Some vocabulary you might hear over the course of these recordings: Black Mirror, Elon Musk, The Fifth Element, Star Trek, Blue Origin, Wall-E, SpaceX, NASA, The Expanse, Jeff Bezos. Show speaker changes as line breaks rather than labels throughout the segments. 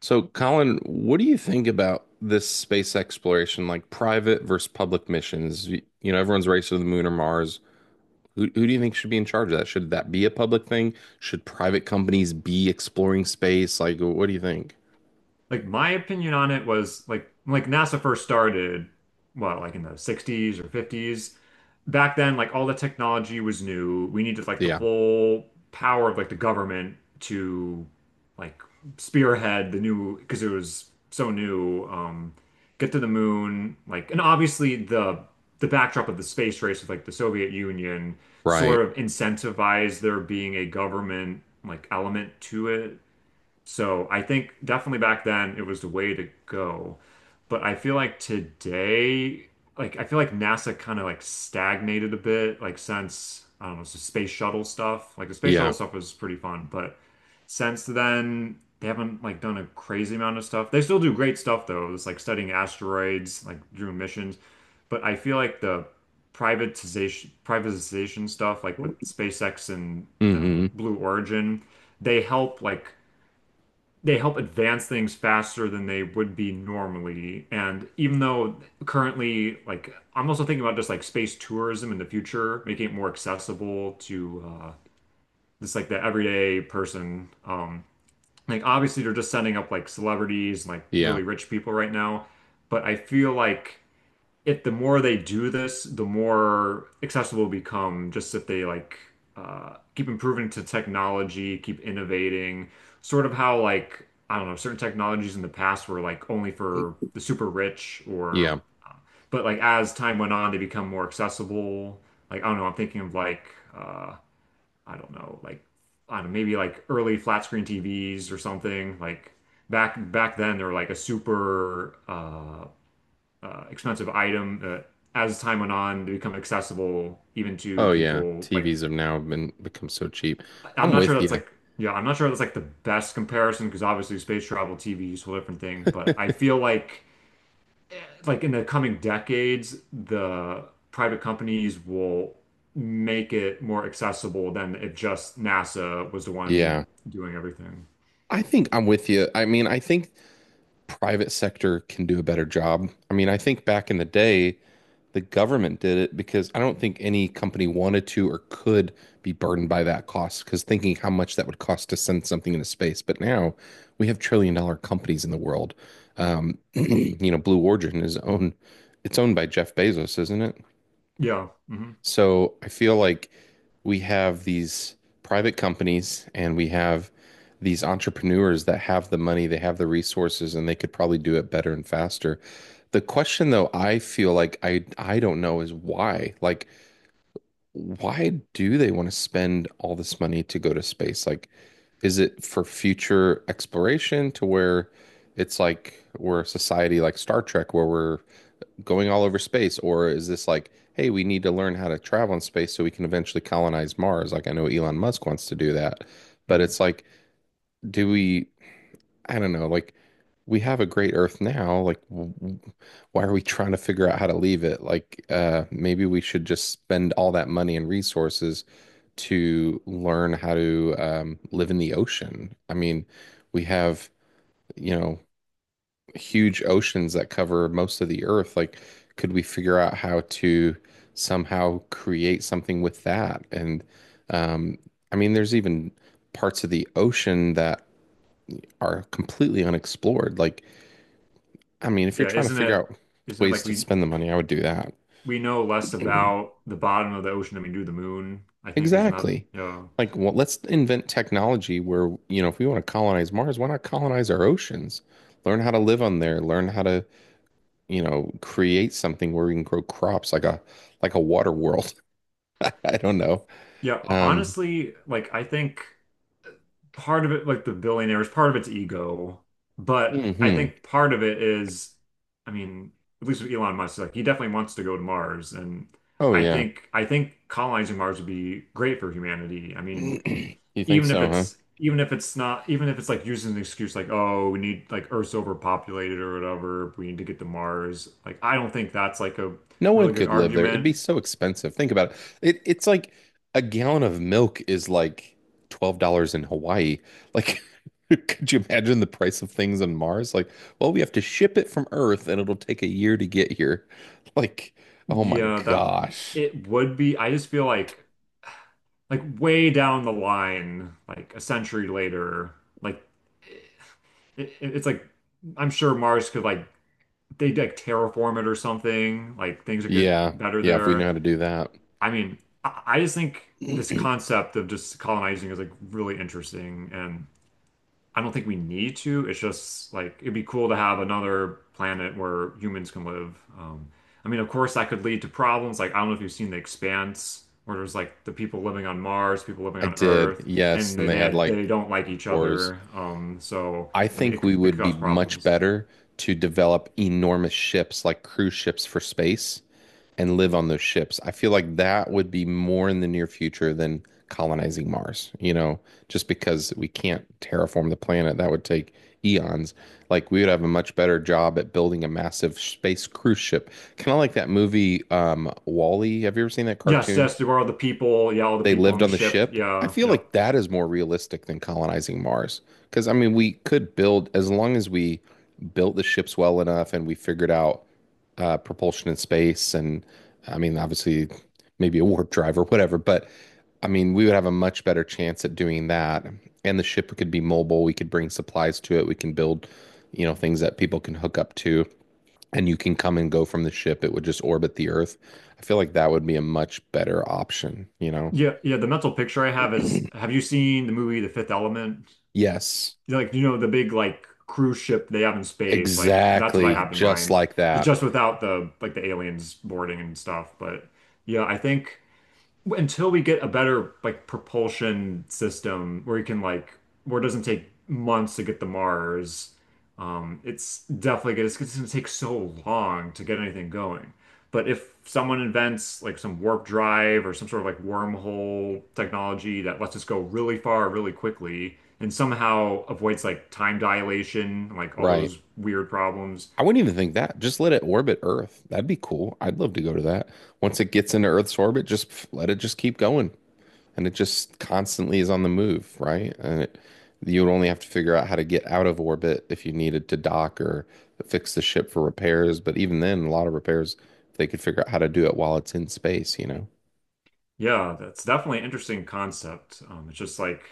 So, Colin, what do you think about this space exploration, like private versus public missions? You know, everyone's racing to the moon or Mars. Who do you think should be in charge of that? Should that be a public thing? Should private companies be exploring space? Like, what do you think?
Like my opinion on it was like NASA first started, what, like in the sixties or fifties. Back then, like all the technology was new. We needed like the
Yeah,
full power of like the government to like spearhead the new because it was so new, get to the moon, like and obviously the backdrop of the space race with like the Soviet Union
right.
sort of incentivized there being a government like element to it, so I think definitely back then it was the way to go. But I feel like today, like I feel like NASA kind of like stagnated a bit, like since I don't know, the space shuttle stuff. Like the space shuttle
Yeah.
stuff was pretty fun, but since then they haven't like done a crazy amount of stuff. They still do great stuff though. It's like studying asteroids, like doing missions. But I feel like the privatization stuff, like with SpaceX and uh,
Mm-hmm.
Blue Origin, they help like they help advance things faster than they would be normally. And even though currently, like, I'm also thinking about just like space tourism in the future, making it more accessible to just like the everyday person. Like, obviously, they're just sending up like celebrities, like
Yeah.
really rich people right now. But I feel like if the more they do this, the more accessible it'll become, just if they like keep improving to technology, keep innovating, sort of how like I don't know, certain technologies in the past were like only for the super rich or
Yeah.
uh, but like as time went on, they become more accessible. Like I don't know, I'm thinking of like uh, I don't know, like I don't know, maybe like early flat screen TVs or something. Like back then, they were like a super expensive item that as time went on, they become accessible even to
Oh yeah.
people like
TVs have now been become so cheap.
I'm
I'm
not sure
with
that's
you.
like yeah, I'm not sure that's like the best comparison because obviously space travel, TV is a whole different thing, but I feel like in the coming decades, the private companies will make it more accessible than if just NASA was the one
Yeah.
doing everything.
I think I'm with you. I mean, I think private sector can do a better job. I mean, I think back in the day, the government did it because I don't think any company wanted to or could be burdened by that cost because thinking how much that would cost to send something into space. But now we have trillion dollar companies in the world. You know, Blue Origin is owned, it's owned by Jeff Bezos, isn't it?
Yeah.
So I feel like we have these private companies and we have these entrepreneurs that have the money, they have the resources, and they could probably do it better and faster. The question though, I feel like I don't know is why. Like, why do they want to spend all this money to go to space? Like, is it for future exploration to where it's like we're a society like Star Trek where we're going all over space, or is this like, hey, we need to learn how to travel in space so we can eventually colonize Mars? Like I know Elon Musk wants to do that, but
Hmm
it's like, do we? I don't know. Like we have a great Earth now. Like why are we trying to figure out how to leave it? Like maybe we should just spend all that money and resources to learn how to live in the ocean. I mean, we have, you know, huge oceans that cover most of the earth. Like, could we figure out how to somehow create something with that? And um, I mean, there's even parts of the ocean that are completely unexplored. Like, I mean, if you're
Yeah,
trying to
isn't
figure
it
out
isn't it
ways
like
to
we
spend the money, I would do that.
we know less about the bottom of the ocean than we do the moon, I think, is not,
Exactly.
yeah.
Like, well, let's invent technology where, you know, if we want to colonize Mars, why not colonize our oceans? Learn how to live on there, learn how to you know, create something where we can grow crops like a water world. I don't know.
Yeah,
Um,
honestly, like I think part of it, like the billionaires, part of it's ego, but I
hmm.
think part of it is, I mean, at least with Elon Musk, like he definitely wants to go to Mars, and
Oh
I
yeah.
think I think colonizing Mars would be great for humanity. I mean,
You think so, huh?
even if it's not even if it's like used as an excuse like oh we need like Earth's overpopulated or whatever we need to get to Mars, like I don't think that's like a
No one
really good
could live there. It'd be
argument.
so expensive. Think about it. It's like a gallon of milk is like $12 in Hawaii. Like could you imagine the price of things on Mars? Like, well, we have to ship it from Earth and it'll take a year to get here. Like, oh my
Yeah, that
gosh.
it would be, I just feel like way down the line like a century later like it's like I'm sure Mars could like they like terraform it or something, like things would get
Yeah.
better
Yeah, if we know
there.
how to do that.
I mean, I just think this concept of just colonizing is like really interesting, and I don't think we need to. It's just like it'd be cool to have another planet where humans can live. I mean, of course, that could lead to problems. Like, I don't know if you've seen The Expanse, where there's like the people living on Mars, people living
I
on
did,
Earth,
yes,
and
and they had
they
like
don't like each
wars.
other. So,
I
I mean,
think we
it
would
could
be
cause
much
problems.
better to develop enormous ships like cruise ships for space and live on those ships. I feel like that would be more in the near future than colonizing Mars, you know, just because we can't terraform the planet. That would take eons. Like we would have a much better job at building a massive space cruise ship. Kind of like that movie, Wall-E. Have you ever seen that
Yes,
cartoon?
yes, there are the people. Yeah, all the
They
people on
lived
the
on the
ship.
ship. I
Yeah,
feel
yep.
like that is more realistic than colonizing Mars. Because, I mean, we could build, as long as we built the ships well enough and we figured out propulsion in space, and I mean, obviously, maybe a warp drive or whatever, but I mean, we would have a much better chance at doing that. And the ship could be mobile. We could bring supplies to it. We can build, you know, things that people can hook up to, and you can come and go from the ship. It would just orbit the Earth. I feel like that would be a much better option, you know?
Yeah, yeah. The mental picture I have is, have you seen the movie The Fifth Element?
Yes,
You know, like, you know, the big like cruise ship they have in space. Like, that's what I
exactly.
have in
Just
mind.
like
Just
that.
just without the like the aliens boarding and stuff. But yeah, I think until we get a better like propulsion system where you can like where it doesn't take months to get to Mars, it's definitely good. It's going to take so long to get anything going. But if someone invents like some warp drive or some sort of like wormhole technology that lets us go really far really quickly and somehow avoids like time dilation, and like all
Right.
those weird problems,
I wouldn't even think that. Just let it orbit Earth. That'd be cool. I'd love to go to that. Once it gets into Earth's orbit, just let it just keep going. And it just constantly is on the move, right? You would only have to figure out how to get out of orbit if you needed to dock or fix the ship for repairs. But even then, a lot of repairs, they could figure out how to do it while it's in space, you know?
yeah, that's definitely an interesting concept. It's just like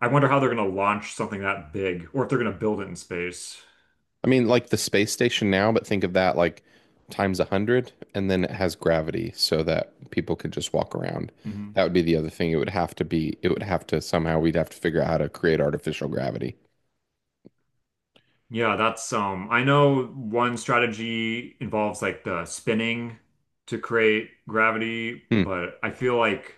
I wonder how they're going to launch something that big or if they're going to build it in space.
I mean, like the space station now, but think of that like times 100, and then it has gravity so that people could just walk around. That
Hmm.
would be the other thing. It would have to somehow, we'd have to figure out how to create artificial gravity.
Yeah, that's I know one strategy involves like the spinning to create gravity,
Hmm.
but I feel like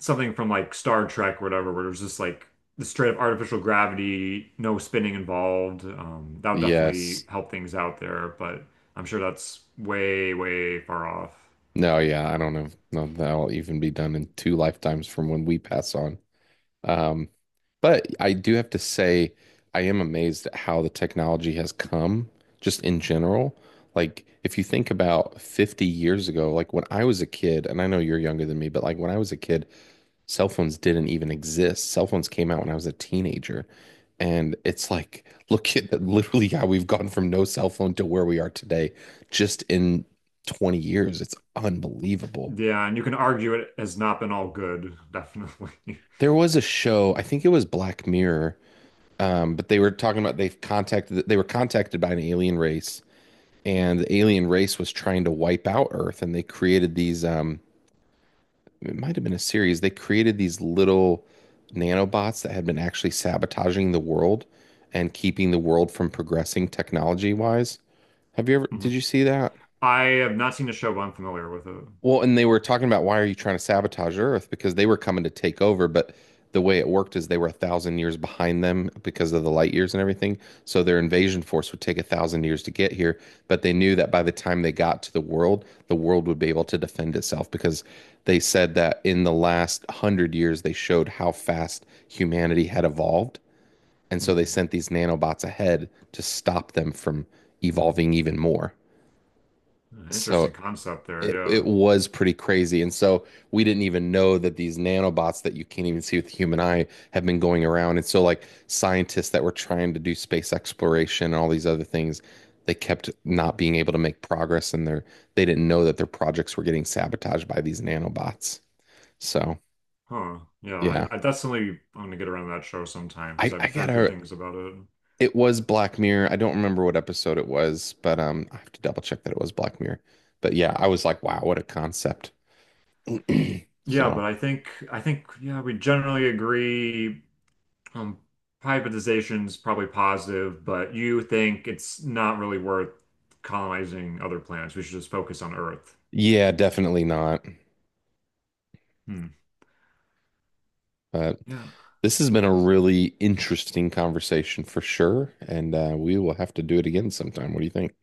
something from like Star Trek or whatever where there's just like the straight up artificial gravity, no spinning involved. That would definitely
Yes.
help things out there, but I'm sure that's way, way far off.
No, yeah, I don't know. No, that'll even be done in 2 lifetimes from when we pass on. Um, but I do have to say, I am amazed at how the technology has come just in general. Like, if you think about 50 years ago, like when I was a kid, and I know you're younger than me, but like when I was a kid, cell phones didn't even exist. Cell phones came out when I was a teenager. And it's like, look at that, literally how we've gone from no cell phone to where we are today just in 20 years. It's unbelievable.
Yeah, and you can argue it has not been all good, definitely.
There was a show, I think it was Black Mirror. But they were talking about they were contacted by an alien race, and the alien race was trying to wipe out Earth, and they created these. It might have been a series. They created these little nanobots that had been actually sabotaging the world and keeping the world from progressing technology wise. Have you ever? Did
Mhm.
you see that?
I have not seen a show, but I'm familiar with it.
Well, and they were talking about why are you trying to sabotage Earth? Because they were coming to take over, but the way it worked is they were 1,000 years behind them because of the light years and everything. So their invasion force would take 1,000 years to get here, but they knew that by the time they got to the world would be able to defend itself because they said that in the last hundred years they showed how fast humanity had evolved. And so they
Hmm.
sent these nanobots ahead to stop them from evolving even more.
Interesting
So
concept there.
it
Yeah.
was pretty crazy. And so we didn't even know that these nanobots that you can't even see with the human eye have been going around. And so like scientists that were trying to do space exploration and all these other things, they kept not being able to make progress and their they didn't know that their projects were getting sabotaged by these nanobots. So
Huh. Yeah.
yeah.
I definitely I'm gonna get around that show sometime because
I
I've heard good
gotta
things about it.
it was Black Mirror. I don't remember what episode it was, but I have to double check that it was Black Mirror. But yeah, I was like, wow, what a concept.
Yeah,
So
but I think yeah, we generally agree um privatization is probably positive, but you think it's not really worth colonizing other planets. We should just focus on Earth.
yeah, definitely not.
Hmm.
But
Yeah.
this has been a really interesting conversation for sure. And we will have to do it again sometime. What do you think?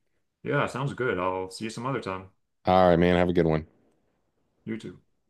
Yeah, sounds good. I'll see you some other time.
All right, man. Have a good one.
You too.